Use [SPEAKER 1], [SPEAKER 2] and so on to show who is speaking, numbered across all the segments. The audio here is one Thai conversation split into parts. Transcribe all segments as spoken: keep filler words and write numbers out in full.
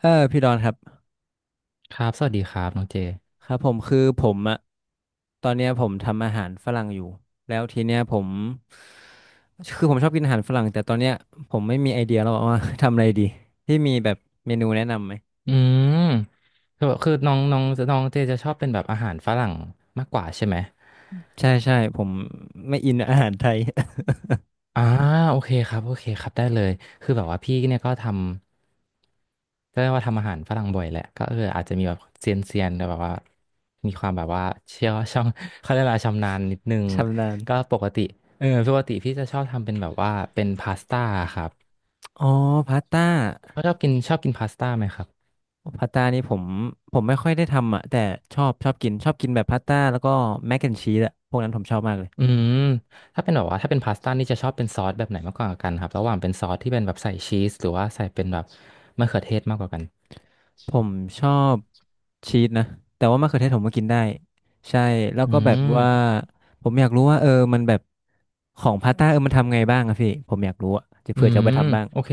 [SPEAKER 1] เออพี่ดอนครับ
[SPEAKER 2] ครับสวัสดีครับน้องเจ
[SPEAKER 1] ครับผมคือผมอะตอนเนี้ยผมทำอาหารฝรั่งอยู่แล้วทีเนี้ยผมคือผมชอบกินอาหารฝรั่งแต่ตอนเนี้ยผมไม่มีไอเดียแล้วว่า ทำอะไรดีที่มีแบบเมนูแนะนำไหม
[SPEAKER 2] อืมคือแบบคือน้องน้องน้องเจจะชอบเป็นแบบอาหารฝรั่งมากกว่าใช่ไหม
[SPEAKER 1] ใช่ใช่ผมไม่อินอาหารไทย
[SPEAKER 2] อ่าโอเคครับโอเคครับได้เลยคือแบบว่าพี่เนี่ยก็ทำก็เรียกว่าทำอาหารฝรั่งบ่อยแหละก็เอออาจจะมีแบบเซียนเซียนแต่แบบว่ามีความแบบว่าเชี่ยว ช่องเขาเรียกอะไรชำนาญนิดนึง
[SPEAKER 1] ชำนาญ
[SPEAKER 2] ก็ปกติเออปกติพี่จะชอบทำเป็นแบบว่าเป็นพาสต้าครับ
[SPEAKER 1] อ๋อพาสต้า
[SPEAKER 2] ชอบกินชอบกินพาสต้าไหมครับ
[SPEAKER 1] พาสต้านี่ผมผมไม่ค่อยได้ทำอะแต่ชอบชอบกินชอบกินแบบพาสต้าแล้วก็แมคแอนชีสอะพวกนั้นผมชอบมากเลย
[SPEAKER 2] อืมถ้าเป็นแบบว่าถ้าเป็นพาสต้านี่จะชอบเป็นซอสแบบไหนมากกว่ากันครับระหว่างเป็นซอสที่เป็นแบบใส่ชีสหรือว่าใส่เป็นแบบมะเขือเทศมากกว่ากัน
[SPEAKER 1] ผมชอบชีสนะแต่ว่ามะเขือเทศผมก็กินได้ใช่แล้ว
[SPEAKER 2] อื
[SPEAKER 1] ก็แบบว่า
[SPEAKER 2] ม
[SPEAKER 1] ผมอยากรู้ว่าเออมันแบบของพาสต้าเออมันทำไงบ้างอะพี่ผมอยากรู้อะจะ
[SPEAKER 2] อื
[SPEAKER 1] เผื่อจะเอาไป
[SPEAKER 2] ม
[SPEAKER 1] ทำบ้าง
[SPEAKER 2] โอเค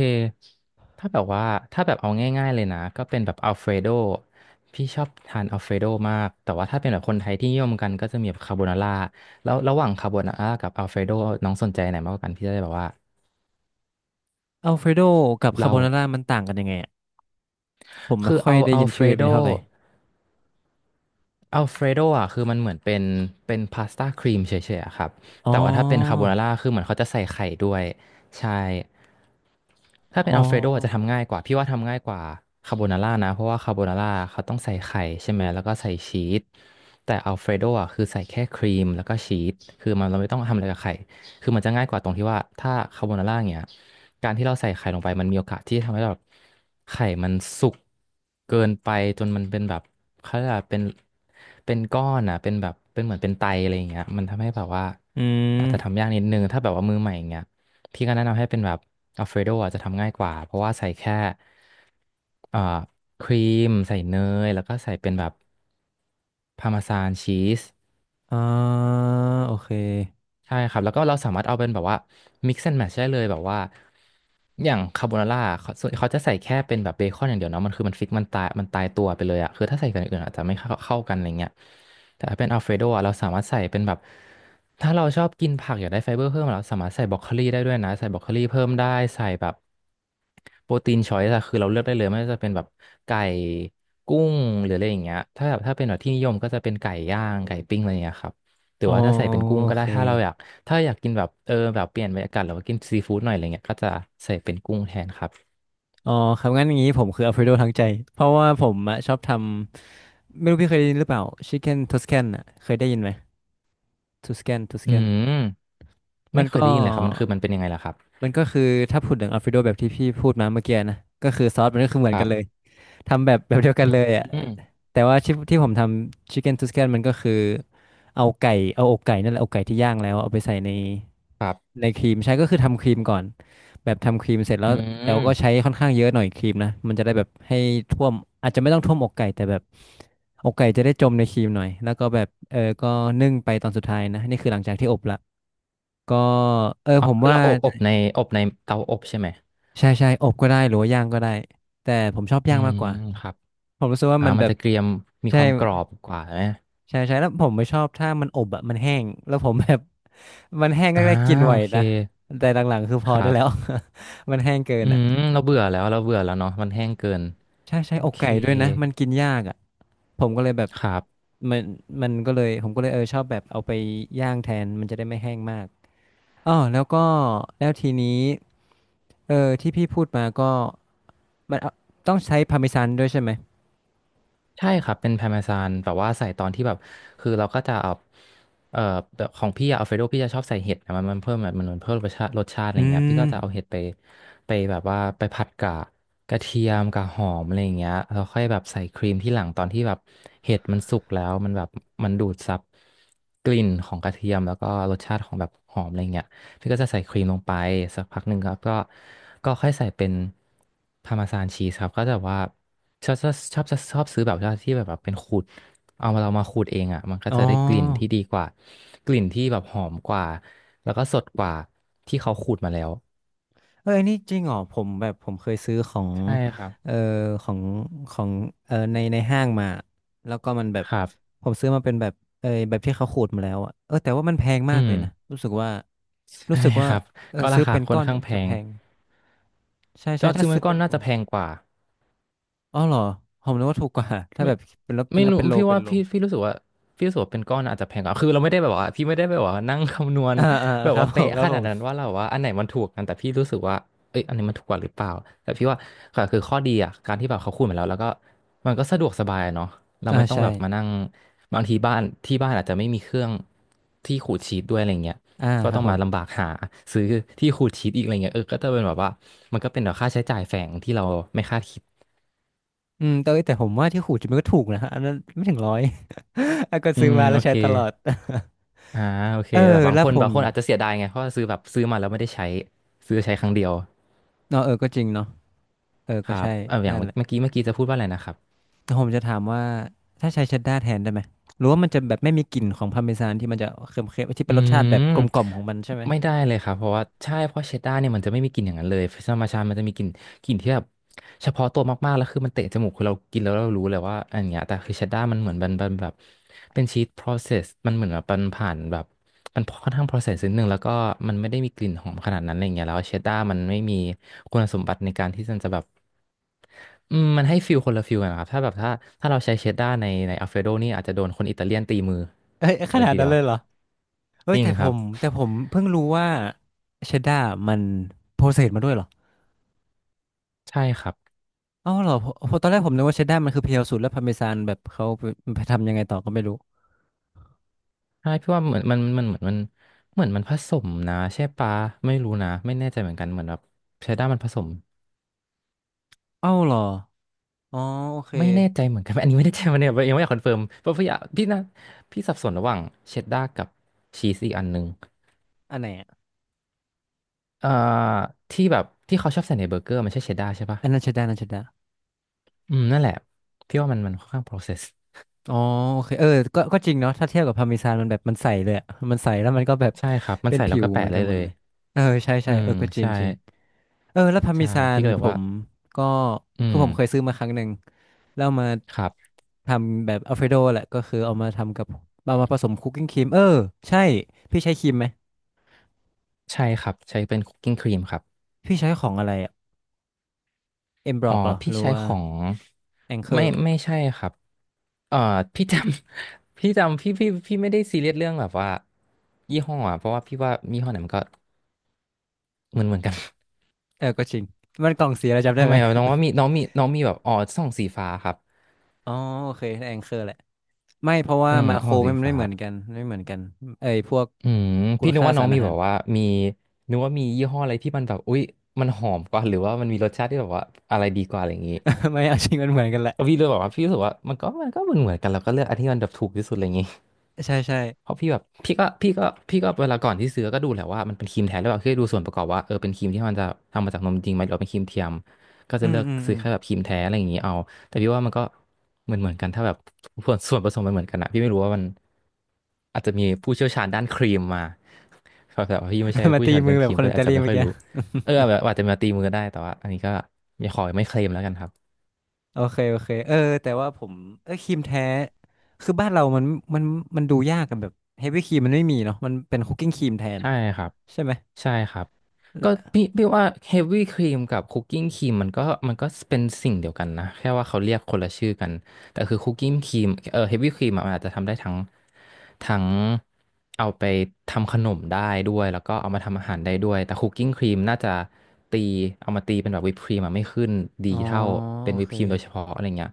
[SPEAKER 2] ถ้าแบบว่าถ้าแบบเอาง่ายๆเลยนะก็เป็นแบบอัลเฟรโดพี่ชอบทานอัลเฟรโดมากแต่ว่าถ้าเป็นแบบคนไทยที่นิยมกันก็จะมีแบบคาโบนาร่าแล้วระหว่างคาโบนาร่ากับอัลเฟรโดน้องสนใจไหนมากกว่ากันพี่จะได้แบบว่า
[SPEAKER 1] อัลเฟรโดกับคา
[SPEAKER 2] เล่า
[SPEAKER 1] โบนาร่ามันต่างกันยังไงอะผมไม่
[SPEAKER 2] คือ
[SPEAKER 1] ค่อย
[SPEAKER 2] เอา
[SPEAKER 1] ได้
[SPEAKER 2] อั
[SPEAKER 1] ยิ
[SPEAKER 2] ล
[SPEAKER 1] น
[SPEAKER 2] เฟ
[SPEAKER 1] ชื่
[SPEAKER 2] ร
[SPEAKER 1] อเป็
[SPEAKER 2] โด
[SPEAKER 1] นเท่าไหร่
[SPEAKER 2] อัลเฟรโดอ่ะคือมันเหมือนเป็นเป็นพาสต้าครีมเฉยๆอะครับ
[SPEAKER 1] อ๋อ
[SPEAKER 2] แต่ว่าถ้าเป็นคาโบนาร่าคือเหมือนเขาจะใส่ไข่ด้วยใช่ ถ้า
[SPEAKER 1] อ๋
[SPEAKER 2] เป็น
[SPEAKER 1] อ
[SPEAKER 2] อัลเฟรโดอาจจะทำง่ายกว่าพี่ว่าทำง่ายกว่าคาโบนาร่านะเพราะว่าคาโบนาร่าเขาต้องใส่ไข่ใช่ไหมแล้วก็ใส่ชีสแต่อัลเฟรโดอ่ะคือใส่แค่ครีมแล้วก็ชีสคือมันเราไม่ต้องทำอะไรกับไข่คือมันจะง่ายกว่าตรงที่ว่าถ้าคาโบนาร่าเนี้ยการที่เราใส่ไข่ลงไปมันมีโอกาสที่จะทำให้แบบไข่มันสุกเกินไปจนมันเป็นแบบเขาเรียกว่าเป็นเป็นก้อนอ่ะเป็นแบบเป็นเหมือนเป็นไตอะไรอย่างเงี้ยมันทำให้แบบว่า
[SPEAKER 1] อื
[SPEAKER 2] อาจจะทำ
[SPEAKER 1] ม
[SPEAKER 2] ยากนิดนึงถ้าแบบว่ามือใหม่อย่างเงี้ย พี่ก็แนะนำให้เป็นแบบอัลเฟรโดอาจจะทำง่ายกว่า เพราะว่าใส่แค่เอ่อครีมใส่เนยแล้วก็ใส่เป็นแบบพาร์เมซานชีส
[SPEAKER 1] อ่าโอเค
[SPEAKER 2] ใช่ครับแล้วก็เราสามารถเอาเป็นแบบว่า mix and match ได้เลยแบบว่าอย่างคาโบนาร่าเขาส่วนเขาจะใส่แค่เป็นแบบเบคอนอย่างเดียวเนาะมันคือมันฟิกมันตายมันตายตัวไปเลยอะคือถ้าใส่กันอย่างอื่นอาจจะไม่เข้าเข้ากันอะไรเงี้ยแต่ถ้าเป็นอัลเฟรโดอะเราสามารถใส่เป็นแบบถ้าเราชอบกินผักอยากได้ไฟเบอร์เพิ่มเราสามารถใส่บรอกโคลีได้ด้วยนะใส่บรอกโคลีเพิ่มได้ใส่แบบ โปรตีนชอยส์อะคือเราเลือกได้เลยไม่ว่าจะเป็นแบบไก่กุ้งหรืออะไรอย่างเงี้ยถ้าแบบถ้าเป็นแบบที่นิยมก็จะเป็นไก่ย่างไก่ปิ้งอะไรอย่างเงี้ยครับหรื
[SPEAKER 1] อ๋
[SPEAKER 2] อ
[SPEAKER 1] อ
[SPEAKER 2] ว่าถ้าใส่เป็นกุ้ง
[SPEAKER 1] โอ
[SPEAKER 2] ก็ได้
[SPEAKER 1] เค
[SPEAKER 2] ถ้าเราอยากถ้าอยากกินแบบเออแบบเปลี่ยนบรรยากาศหรือว่ากินซีฟู้ดหน่อยอะไรเงี้ยก็จะใส่เป็นกุ้งแทนครับ
[SPEAKER 1] อ๋อครับงั้นอย่างนี้ผมคืออัลเฟรโดทั้งใจเพราะว่าผมอะชอบทำไม่รู้พี่เคยได้ยินหรือเปล่าชิคเก้นทอสแคนอะเคยได้ยินไหม ทูสแกนทูส
[SPEAKER 2] อื
[SPEAKER 1] แกน
[SPEAKER 2] ม
[SPEAKER 1] มั
[SPEAKER 2] ไม่
[SPEAKER 1] น
[SPEAKER 2] เคย
[SPEAKER 1] ก็
[SPEAKER 2] ได้ยินเลยครับมันคือมันเป็นยังไงล่ะครับ
[SPEAKER 1] มันก็คือถ้าพูดถึงอัลฟิโดแบบที่พี่พูดมาเมื่อกี้นะก็คือซอสมันก็คือเหมือ
[SPEAKER 2] ค
[SPEAKER 1] นกั
[SPEAKER 2] รั
[SPEAKER 1] นเลย
[SPEAKER 2] บ
[SPEAKER 1] ทำแบบแบบเดียว
[SPEAKER 2] อ
[SPEAKER 1] กันเลยอ่ะ
[SPEAKER 2] ืม
[SPEAKER 1] แต่ว่าที่ที่ผมทำชิค c ก e นทูสแกนมันก็คือเอาไก่เอาอกไก่นั่นแหละอกไก่ที่ย่างแล้วเอาไปใส่ใน
[SPEAKER 2] ครับ
[SPEAKER 1] ในครีมใช้ก็คือทำครีมก่อนแบบทำครีมเสร็จแล้
[SPEAKER 2] อื
[SPEAKER 1] วแต่ว่าก็ใช้
[SPEAKER 2] ม
[SPEAKER 1] ค่อนข้างเยอะหน่อยครีมนะมันจะได้แบบให้ท่วมอาจจะไม่ต้องท่วมอกไก่แต่แบบอกไก่จะได้จมในครีมหน่อยแล้วก็แบบเออก็นึ่งไปตอนสุดท้ายนะนี่คือหลังจากที่อบละ ก็เออ
[SPEAKER 2] อ๋อ
[SPEAKER 1] ผม
[SPEAKER 2] คือ
[SPEAKER 1] ว่า
[SPEAKER 2] เราอบอบในอบในเตาอบใช่ไหม
[SPEAKER 1] ใช่ใช่อบก็ได้หรือว่าย่างก็ได้แต่ผมชอบ
[SPEAKER 2] อื
[SPEAKER 1] ย่างมาก
[SPEAKER 2] ม
[SPEAKER 1] กว่า
[SPEAKER 2] ครับ
[SPEAKER 1] ผมรู้สึกว่า
[SPEAKER 2] อ่า
[SPEAKER 1] มัน
[SPEAKER 2] มั
[SPEAKER 1] แบ
[SPEAKER 2] น
[SPEAKER 1] บ
[SPEAKER 2] จะเกรียมมี
[SPEAKER 1] ใช่
[SPEAKER 2] ความกรอบกว่าไหม
[SPEAKER 1] ใช่ใช่แล้วผมไม่ชอบถ้ามันอบอะมันแห้งแล้วผมแบบ มันแห้งแร
[SPEAKER 2] อ่า
[SPEAKER 1] กๆกินไหว
[SPEAKER 2] โอเค
[SPEAKER 1] นะแต่หลังๆคือพ
[SPEAKER 2] ค
[SPEAKER 1] อ
[SPEAKER 2] รั
[SPEAKER 1] ได้แล้ว
[SPEAKER 2] บ
[SPEAKER 1] มันแห้งเกิ
[SPEAKER 2] อื
[SPEAKER 1] น
[SPEAKER 2] ม
[SPEAKER 1] อะ
[SPEAKER 2] เราเบื่อแล้วเราเบื่อแล้วเนาะมันแห้งเกิน
[SPEAKER 1] ใช่ใช่
[SPEAKER 2] โอ
[SPEAKER 1] อก
[SPEAKER 2] เค
[SPEAKER 1] ไก่ด้วยนะมันกินยากอะผมก็เลยแบบ
[SPEAKER 2] ครับ
[SPEAKER 1] มันมันก็เลยผมก็เลยเออชอบแบบเอาไปย่างแทนมันจะได้ไม่แห้งมากอ๋อแล้วก็แล้วทีนี้เออที่พี่พูดมาก็มันเอาต้องใช้พาร์เมซานด้วยใช่ไหม
[SPEAKER 2] ใช่ครับเป็นพาร์เมซานแบบว่าใส่ตอนที่แบบคือเราก็จะเอาเอ่อแบบของพี่อะอัลเฟรโดพี่จะชอบใส่เห็ดนะมันมันเพิ่มมันมันเพิ่มรสชาติรสชาติอะไร
[SPEAKER 1] อื
[SPEAKER 2] เงี้ยพี่
[SPEAKER 1] ม
[SPEAKER 2] ก็จะเอาเห็ดไปไปแบบว่าไปผัดกับกระเทียมกับหอมอะไร่เงี้ยแล้วค่อยแบบใส่ครีมที่หลังตอนที่แบบเห็ดมันสุกแล้วมันแบบมันดูดซับกลิ่นของกระเทียมแล้วก็รสชาติของแบบหอมอะไรเงี้ย พี่ก็จะใส่ครีมลงไปสักพักหนึ่งครับก็ก็ค่อยใส่เป็นพาร์ม s ซานชีสครับก็จะแบบว่าชอบชอบชอบชอบชอบซื้อแบบว่าที่แบบแบบเป็นขูดเอามาเรามาขูดเองอ่ะมันก็
[SPEAKER 1] อ๋อ
[SPEAKER 2] จะได้กลิ่นที่ดีกว่ากลิ่นที่แบบหอมกว่าแล้วก็สดกว่าที่เขาขูดมาแล้ว
[SPEAKER 1] เอออันนี้จริงเหรอผมแบบผมเคยซื้อของ
[SPEAKER 2] ใช่ครับ
[SPEAKER 1] เอ่อของของเอ่อในในห้างมาแล้วก็มันแบบ
[SPEAKER 2] ครับ
[SPEAKER 1] ผมซื้อมาเป็นแบบ เออแบบที่เขาขูดมาแล้วอะเออแต่ว่ามันแพง
[SPEAKER 2] อื
[SPEAKER 1] มากเล
[SPEAKER 2] ม
[SPEAKER 1] ยนะ รู้สึกว่า รู้
[SPEAKER 2] ใช่
[SPEAKER 1] สึกว่า
[SPEAKER 2] ครับ
[SPEAKER 1] เออ
[SPEAKER 2] ก็
[SPEAKER 1] ซื้
[SPEAKER 2] รา
[SPEAKER 1] อ
[SPEAKER 2] คา
[SPEAKER 1] เป็น
[SPEAKER 2] ค่
[SPEAKER 1] ก้
[SPEAKER 2] อ
[SPEAKER 1] อ
[SPEAKER 2] น
[SPEAKER 1] น
[SPEAKER 2] ข้า
[SPEAKER 1] จะ
[SPEAKER 2] งแพ
[SPEAKER 1] จะแพ
[SPEAKER 2] ง
[SPEAKER 1] งใช่
[SPEAKER 2] แต่
[SPEAKER 1] ใช่
[SPEAKER 2] จ
[SPEAKER 1] ถ้า
[SPEAKER 2] ริงๆมั
[SPEAKER 1] ซื้
[SPEAKER 2] น
[SPEAKER 1] อ
[SPEAKER 2] ก็
[SPEAKER 1] เป็น
[SPEAKER 2] น่า
[SPEAKER 1] กล่อ
[SPEAKER 2] จะ
[SPEAKER 1] ง
[SPEAKER 2] แพงกว่า
[SPEAKER 1] อ๋อเหรอ ผมนึกว่าถูกกว่าถ้า
[SPEAKER 2] ไม่
[SPEAKER 1] แบบเป็นรถเป็
[SPEAKER 2] ไม่
[SPEAKER 1] นนับ
[SPEAKER 2] รู้
[SPEAKER 1] เป็นโล
[SPEAKER 2] พี่
[SPEAKER 1] เป็น
[SPEAKER 2] ว่า
[SPEAKER 1] โล
[SPEAKER 2] พี่พี่รู้สึกว่าพี่รู้สึกว่าเป็นก้อนอาจจะแพงกว่าคือเราไม่ได้แบบว่าพี่ไม่ได้แบบว่านั่ง คำนวณ
[SPEAKER 1] อ่าอ่า
[SPEAKER 2] แบ
[SPEAKER 1] ค
[SPEAKER 2] บ
[SPEAKER 1] รับ
[SPEAKER 2] ว่า
[SPEAKER 1] ผม
[SPEAKER 2] เป๊ะ
[SPEAKER 1] ครั
[SPEAKER 2] ข
[SPEAKER 1] บผ
[SPEAKER 2] นาดนั้น
[SPEAKER 1] ม
[SPEAKER 2] ว่าเราว่าอันไหนมันถูกกันแต่พี่รู้สึกว่าเอ้ยอันนี้มันถูกกว่าหรือเปล่าแต่พี่ว่าค่ะคือข้อดีอ่ะการที่แบบเขาคูณมาแล้วแล้วก็มันก็สะดวกสบายอะเนาะเรา
[SPEAKER 1] อ่า
[SPEAKER 2] ไม่ต้อง
[SPEAKER 1] ใช่
[SPEAKER 2] แบบมานั่งบางทีบ้านที่บ้านอาจจะไม่มีเครื่องที่ขูดชีทด้วยอะไรเงี้ย
[SPEAKER 1] อ่า
[SPEAKER 2] ก็
[SPEAKER 1] ครั
[SPEAKER 2] ต้
[SPEAKER 1] บ
[SPEAKER 2] อง
[SPEAKER 1] ผ
[SPEAKER 2] มาลำ
[SPEAKER 1] ม
[SPEAKER 2] บากหาซื้อ ที่ขูดชีทอีกอะไรเงี้ยเออก็จะเป็นแบบว่ามันก็เป็นแบบค่าใช้จ่ายแฝงที่เราไม่คาดคิด
[SPEAKER 1] อืมแต่เอ้ยแต่ผมว่าที่ขูดจะมันก็ถูกนะอันนั้นไม่ถึงร้อย แล้วก็
[SPEAKER 2] อื
[SPEAKER 1] ซื้อ
[SPEAKER 2] ม
[SPEAKER 1] มาแล้
[SPEAKER 2] โอ
[SPEAKER 1] วใช้
[SPEAKER 2] เค
[SPEAKER 1] ตลอด
[SPEAKER 2] อ่าโอ เค
[SPEAKER 1] เออ
[SPEAKER 2] แต่บาง
[SPEAKER 1] แล้
[SPEAKER 2] ค
[SPEAKER 1] ว
[SPEAKER 2] น
[SPEAKER 1] ผ
[SPEAKER 2] บา
[SPEAKER 1] ม
[SPEAKER 2] งคนอาจจะเสียดายไงเพราะว่าซื้อแบบซื้อมาแล้วไม่ได้ใช้ซื้อใช้ครั้งเดียว
[SPEAKER 1] เนาะเออก็จริงเนาะเออ
[SPEAKER 2] ค
[SPEAKER 1] ก็
[SPEAKER 2] รับ
[SPEAKER 1] ใช่
[SPEAKER 2] เอออย่า
[SPEAKER 1] นั่
[SPEAKER 2] ง
[SPEAKER 1] นแหละ
[SPEAKER 2] เมื่อกี้เมื่อกี้จะพูดว่าอะไรนะครับ
[SPEAKER 1] แล้วผมจะถามว่าถ้าใช้เชดดาร์แทนได้ไหมหรือว่ามันจะแบบไม่มีกลิ่นของพาร์เมซานที่มันจะเค็มๆที่
[SPEAKER 2] อื
[SPEAKER 1] เป็นรสชาติแบบ
[SPEAKER 2] ม
[SPEAKER 1] กลมกล่อมของมันใช่ไหม
[SPEAKER 2] ไม่ได้เลยครับเพราะว่าใช่เพราะเชดดาร์เนี่ยมันจะไม่มีกลิ่นอย่างนั้นเลยธรรมชาติมันจะมีกลิ่นกลิ่นที่แบบเฉพาะตัวมากๆแล้วคือมันเตะจมูกคือเรากินแล้วเรารู้เลยว่าอันเนี้ยแต่คือเชดดาร์มันเหมือนมันมันแบบเป็นชีส process มันเหมือนแบบมันผ่านแบบมันค่อนข้าง process นิดนึงแล้วก็มันไม่ได้มีกลิ่นหอมขนาดนั้นอะไรเงี้ยแล้วเชดดาร์มันไม่มีคุณสมบัติในการที่มันจะแบบ อืมมันให้ฟิลคนละฟิลกันนะครับถ้าแบบถ้าถ้าเราใช้เชดด้าในในอัลเฟโดนี่อาจจะโดนคนอิตาเลียนตีมือ
[SPEAKER 1] เอ้ยข
[SPEAKER 2] เลย
[SPEAKER 1] นาด
[SPEAKER 2] ที
[SPEAKER 1] นั้
[SPEAKER 2] เดี
[SPEAKER 1] น
[SPEAKER 2] ยว
[SPEAKER 1] เลยเหรอเอ้
[SPEAKER 2] จ
[SPEAKER 1] ย
[SPEAKER 2] ริง
[SPEAKER 1] แต่ผ
[SPEAKER 2] ครับ
[SPEAKER 1] มแต่ผมเพิ่งรู้ว่าเชดดาร์มันโปรเซสมาด้วยเหรอ
[SPEAKER 2] ใช่ครับ
[SPEAKER 1] อ้าวเหรอผมผมตอนแรกผมนึกว่าเชดดาร์มันคือเพียวสุดแล้วพาร์เมซานแบบเขาไปทำยังไงต่อก็ไม่รู้
[SPEAKER 2] ใช่พี่ว่าเหมือนมันมันเหมือนมันเหมือนมันผสมนะใช่ปะไม่รู้นะไม่แน่ใจเหมือนกันเหมือนแบบเชดด้ามันผสม
[SPEAKER 1] อ้าวเหรออ๋อโอเค
[SPEAKER 2] ไม่แน่ใจเหมือนกัน อันนี้ไม่แน่ใจมันเนี่ยยังไม่อยากคอนเฟิร์มเพราะพี่อยากพี่นะพี่สับสนระหว่างเชดด้ากับชีสอีกอันหนึ่ง
[SPEAKER 1] อันไหนอะ
[SPEAKER 2] เอ่อที่แบบที่เขาชอบใส่ในเบอร์เกอร์มันใช่เชดด้าใช่ปะ
[SPEAKER 1] อันนั้นเชดดาร์อันนั้นเชดดา
[SPEAKER 2] อืมนั่นแหละพี่ว่ามันมันค่อนข้าง process
[SPEAKER 1] อ๋อโอเคเออ ก็ก็จริงเนาะถ้าเทียบกับพาร์เมซานมันแบบมันใสเลยอะมันใสแล้วมันก็แบบ
[SPEAKER 2] ใช่ครับมัน
[SPEAKER 1] เป็น
[SPEAKER 2] ใส่แล้
[SPEAKER 1] ผิ
[SPEAKER 2] ว
[SPEAKER 1] ว
[SPEAKER 2] ก็แปะ
[SPEAKER 1] เหมือน
[SPEAKER 2] ได้
[SPEAKER 1] กันหม
[SPEAKER 2] เล
[SPEAKER 1] ด
[SPEAKER 2] ย
[SPEAKER 1] เลยเออใช่
[SPEAKER 2] อื
[SPEAKER 1] ใช่เอ
[SPEAKER 2] ม
[SPEAKER 1] อก็จริง
[SPEAKER 2] ใช่
[SPEAKER 1] จริงเออแล้วพาร์เม
[SPEAKER 2] ใช่
[SPEAKER 1] ซา
[SPEAKER 2] พี่
[SPEAKER 1] น
[SPEAKER 2] ก็เลย
[SPEAKER 1] ผ
[SPEAKER 2] ว่า
[SPEAKER 1] มก็
[SPEAKER 2] อื
[SPEAKER 1] คือ
[SPEAKER 2] ม
[SPEAKER 1] ผมเคยซื้อมาครั้งหนึ่งแล้วเอามา
[SPEAKER 2] ครับ
[SPEAKER 1] ทำแบบอัลเฟรโดแหละก็คือเอามาทำกับเอามาผสมคุกกิ้งครีมเออใช่พี่ใช้ครีมไหม
[SPEAKER 2] ใช่ครับใช้เป็นคุกกิ้งครีมครับ
[SPEAKER 1] พี่ใช้ของอะไรอะเอ็มบร
[SPEAKER 2] อ๋
[SPEAKER 1] อ
[SPEAKER 2] อ
[SPEAKER 1] กเหรอ
[SPEAKER 2] พี่
[SPEAKER 1] หรือ
[SPEAKER 2] ใช้
[SPEAKER 1] ว่า
[SPEAKER 2] ของ
[SPEAKER 1] แองเกอ
[SPEAKER 2] ไม่
[SPEAKER 1] ร์
[SPEAKER 2] ไม่ใช่ครับเอ่อ พี่จำ พี่จำพี่พี่พี่ไม่ได้ซีเรียสเรื่องแบบว่ายี่ห้ออะเพราะว่าพี่ว่ายี่ห้อไหนมันก็เหมือนเหมือนกัน
[SPEAKER 1] เออก็จริงมันกล่องสีอะไรจำ ได้
[SPEAKER 2] ทำ
[SPEAKER 1] ไห
[SPEAKER 2] ไม
[SPEAKER 1] ม
[SPEAKER 2] อะน้องว่ามีน้องมีน้องมีแบบอ๋อส่องสีฟ้าครับ
[SPEAKER 1] อ๋อโอเคแองเกอร์แหละ ไม่เพราะว่า
[SPEAKER 2] เอือ
[SPEAKER 1] มาโค
[SPEAKER 2] ส่
[SPEAKER 1] ร
[SPEAKER 2] องสี
[SPEAKER 1] ไม่มันไม่
[SPEAKER 2] ฟ้า
[SPEAKER 1] เหมือนกันไม่เหมือนกันเอ้ยพวก
[SPEAKER 2] อืม
[SPEAKER 1] คุ
[SPEAKER 2] พี่
[SPEAKER 1] ณ
[SPEAKER 2] นึก
[SPEAKER 1] ค่า
[SPEAKER 2] ว่าน้อ
[SPEAKER 1] สา
[SPEAKER 2] ง
[SPEAKER 1] ร
[SPEAKER 2] มี
[SPEAKER 1] อาหา
[SPEAKER 2] แบ
[SPEAKER 1] ร
[SPEAKER 2] บว่ามีนึกว่ามียี่ห้ออะไรที่มันแบบอุ๊ยมันหอมกว่าหรือว่ามันมีรสชาติที่แบบว่าอะไรดีกว่าอะไรอย่างงี้
[SPEAKER 1] ไม่เอาจริงมันเหมือนกันแหละ
[SPEAKER 2] แล้วพี่เลยบอกว่าพี่รู้สึกว่ามันก็มันก็เหมือนเหมือนกันเราก็เลือกอันที่มันแบบถูกที่สุดอะไรอย่างงี้
[SPEAKER 1] ใช่ใช่
[SPEAKER 2] เพราะพี่แบบพี่ก็พี่ก็พี่ก็เวลาก่อนที่ซื้อก็ดูแหละว่ามันเป็นครีมแท้หรือเปล่าคือดูส่วนประกอบว่าเออเป็นครีมที่มันจะทำมาจากนมจริงไหมหรือว่าเป็นครีมเทียมก็
[SPEAKER 1] อื
[SPEAKER 2] จะ
[SPEAKER 1] ม
[SPEAKER 2] เลือก
[SPEAKER 1] อืมอื
[SPEAKER 2] ซื้อ
[SPEAKER 1] ม
[SPEAKER 2] แค่แบบครีมแท้อะไรอย่างนี้เอาแต่พี่ว่ามันก็เหมือนเหมือนกันถ้าแบบส่วนส่วนผสมมันเหมือนกันอะพี่ไม่รู้ว่ามันอาจจะมีผู้เชี่ยวชาญด้านครีมมาครับแต่ว่าพี่ไม่ใช่
[SPEAKER 1] มา
[SPEAKER 2] ผู้เชี่
[SPEAKER 1] ตี
[SPEAKER 2] ยวชาญ
[SPEAKER 1] มื
[SPEAKER 2] เรื่
[SPEAKER 1] อ
[SPEAKER 2] อง
[SPEAKER 1] แบ
[SPEAKER 2] ค
[SPEAKER 1] บ
[SPEAKER 2] รี
[SPEAKER 1] ค
[SPEAKER 2] ม
[SPEAKER 1] น
[SPEAKER 2] ก็เล
[SPEAKER 1] อิ
[SPEAKER 2] ย
[SPEAKER 1] ตา
[SPEAKER 2] อาจ
[SPEAKER 1] ลี
[SPEAKER 2] จะไม่
[SPEAKER 1] เมื่อ
[SPEAKER 2] ค่อย
[SPEAKER 1] กี้
[SPEAKER 2] รู้เออแบบอาจจะมาตีมือได้แต่ว่าอันนี้ก็ไม่ขอไม่เคลมแล้วกันครับ
[SPEAKER 1] โอเคโอเคเออแต่ว่าผมเออครีมแท้คือบ้านเรามันมันมันดูยากกันแบบเฮฟวี่ครีมมันไม่มีเนาะมันเป็นคุกกิ้งครีมแทน
[SPEAKER 2] ใช่
[SPEAKER 1] อะ
[SPEAKER 2] ครับ
[SPEAKER 1] ใช่ไหม
[SPEAKER 2] ใช่ครับก็พี่พี่ว่าเฮฟวี่ครีมกับคุกกิ้งครีมมันก็มันก็เป็นสิ่งเดียวกันนะแค่ว่าเขาเรียกคนละชื่อกันแต่คือคุกกิ้งครีมเออเฮฟวี่ครีมมันอาจจะทำได้ทั้งทั้งเอาไปทำขนมได้ด้วยแล้วก็เอามาทำอาหารได้ด้วยแต่คุกกิ้งครีมน่าจะตีเอามาตีเป็นแบบวิปครีมอะไม่ขึ้นดี
[SPEAKER 1] อ๋อ
[SPEAKER 2] เท่าเป็น
[SPEAKER 1] โอ
[SPEAKER 2] วิป
[SPEAKER 1] เค
[SPEAKER 2] ครีมโดยเฉพาะอะไรเงี้ย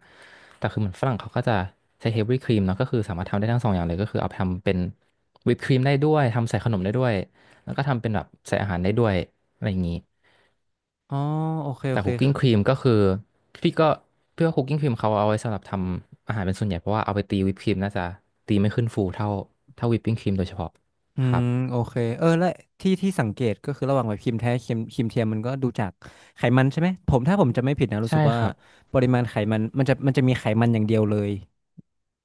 [SPEAKER 2] แต่คือเหมือนฝรั่งเขาก็จะใช้เฮฟวี่ครีมเนาะก็คือสามารถทำได้ทั้งสองอย่างเลยก็คือเอาไปทำเป็นวิปครีมได้ด้วยทำใส่ขนมได้ด้วย แล้วก็ทำเป็นแบบใส่อาหารได้ด้วยอะไรอย่างนี้
[SPEAKER 1] อ๋อโอเคโอ
[SPEAKER 2] แต่
[SPEAKER 1] เค
[SPEAKER 2] คุกกิ้งครีมก็คือพี่ก็เพื่อคุกกิ้งครีมเขาเอาไว้สำหรับทำอาหารเป็นส่วนใหญ่เพราะว่าเอาไปตีวิปครีมน่าจะตีไม่ขึ้นฟูเท่าเท่าวิปปิ้งครีมโดยเฉพาะ
[SPEAKER 1] อื
[SPEAKER 2] ครั
[SPEAKER 1] ม
[SPEAKER 2] บ
[SPEAKER 1] โอเคเออและที่ที่สังเกตก็คือระหว่างแบบครีมแท้ครีมครีมเทียมมันก็ดูจากไขมันใช่ไหมผมถ้าผมจะไม่ผิดนะรู้
[SPEAKER 2] ใช่
[SPEAKER 1] สึกว่า
[SPEAKER 2] ครับ
[SPEAKER 1] ปริมาณไขมันมันจะมันจะมีไขมันอย่างเดียวเลย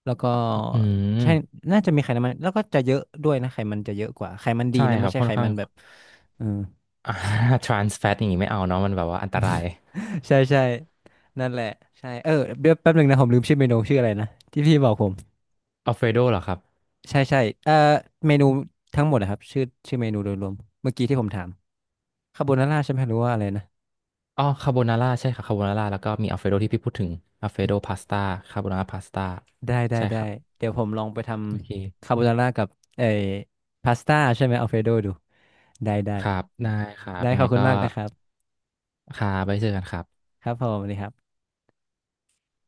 [SPEAKER 1] แล้วก็
[SPEAKER 2] อื
[SPEAKER 1] ใช่
[SPEAKER 2] ม
[SPEAKER 1] น่าจะมีไขมันแล้วก็จะเยอะด้วยนะไขมันจะเยอะกว่าไขมันดี
[SPEAKER 2] ใช่
[SPEAKER 1] นะ
[SPEAKER 2] ค
[SPEAKER 1] ไม่
[SPEAKER 2] รับ
[SPEAKER 1] ใช่
[SPEAKER 2] ค่อน
[SPEAKER 1] ไข
[SPEAKER 2] ข้าง
[SPEAKER 1] มันแบ บเออ
[SPEAKER 2] อ่า ทรานส์ แฟต อย่างนี้ไม่เอาเนาะมันแบบว่าอันตราย
[SPEAKER 1] ใช่ใช่นั่นแหละใช่เออเดี๋ยวแป๊บหนึ่งนะผมลืมชื่อเมนูชื่ออะไรนะที่พี่บอกผม
[SPEAKER 2] อัลเฟรโดเหรอครับ
[SPEAKER 1] ใช่ใช่เอ่อเมนูทั้งหมดนะครับชื่อชื่อเมนูโดยรวมเมื่อกี้ที่ผมถามคาโบนาร่าใช่ไหมหรือว่าอะไรนะ
[SPEAKER 2] อ๋อคาโบนาร่าใช่ครับคาโบนาร่าแล้วก็มีอัลเฟรโดที่พี่พูดถึงอัลเฟรโดพาสต้าคาโบนาร่าพาสต้า
[SPEAKER 1] ได้ได้
[SPEAKER 2] ใช่ค
[SPEAKER 1] ได้
[SPEAKER 2] รับ
[SPEAKER 1] เดี๋ยวผมลองไปท
[SPEAKER 2] โอเค
[SPEAKER 1] ำคาโบนาร่ากับเอ่อพาสต้าใช่ไหมอัลเฟรโดดูได้ได้
[SPEAKER 2] ครับได้ครับ
[SPEAKER 1] ได้
[SPEAKER 2] ยัง
[SPEAKER 1] ขอ
[SPEAKER 2] ไง
[SPEAKER 1] บคุณ
[SPEAKER 2] ก็
[SPEAKER 1] มากนะครับ
[SPEAKER 2] ครับไปเจอกันครับ
[SPEAKER 1] ครับผมสวัสดีครับ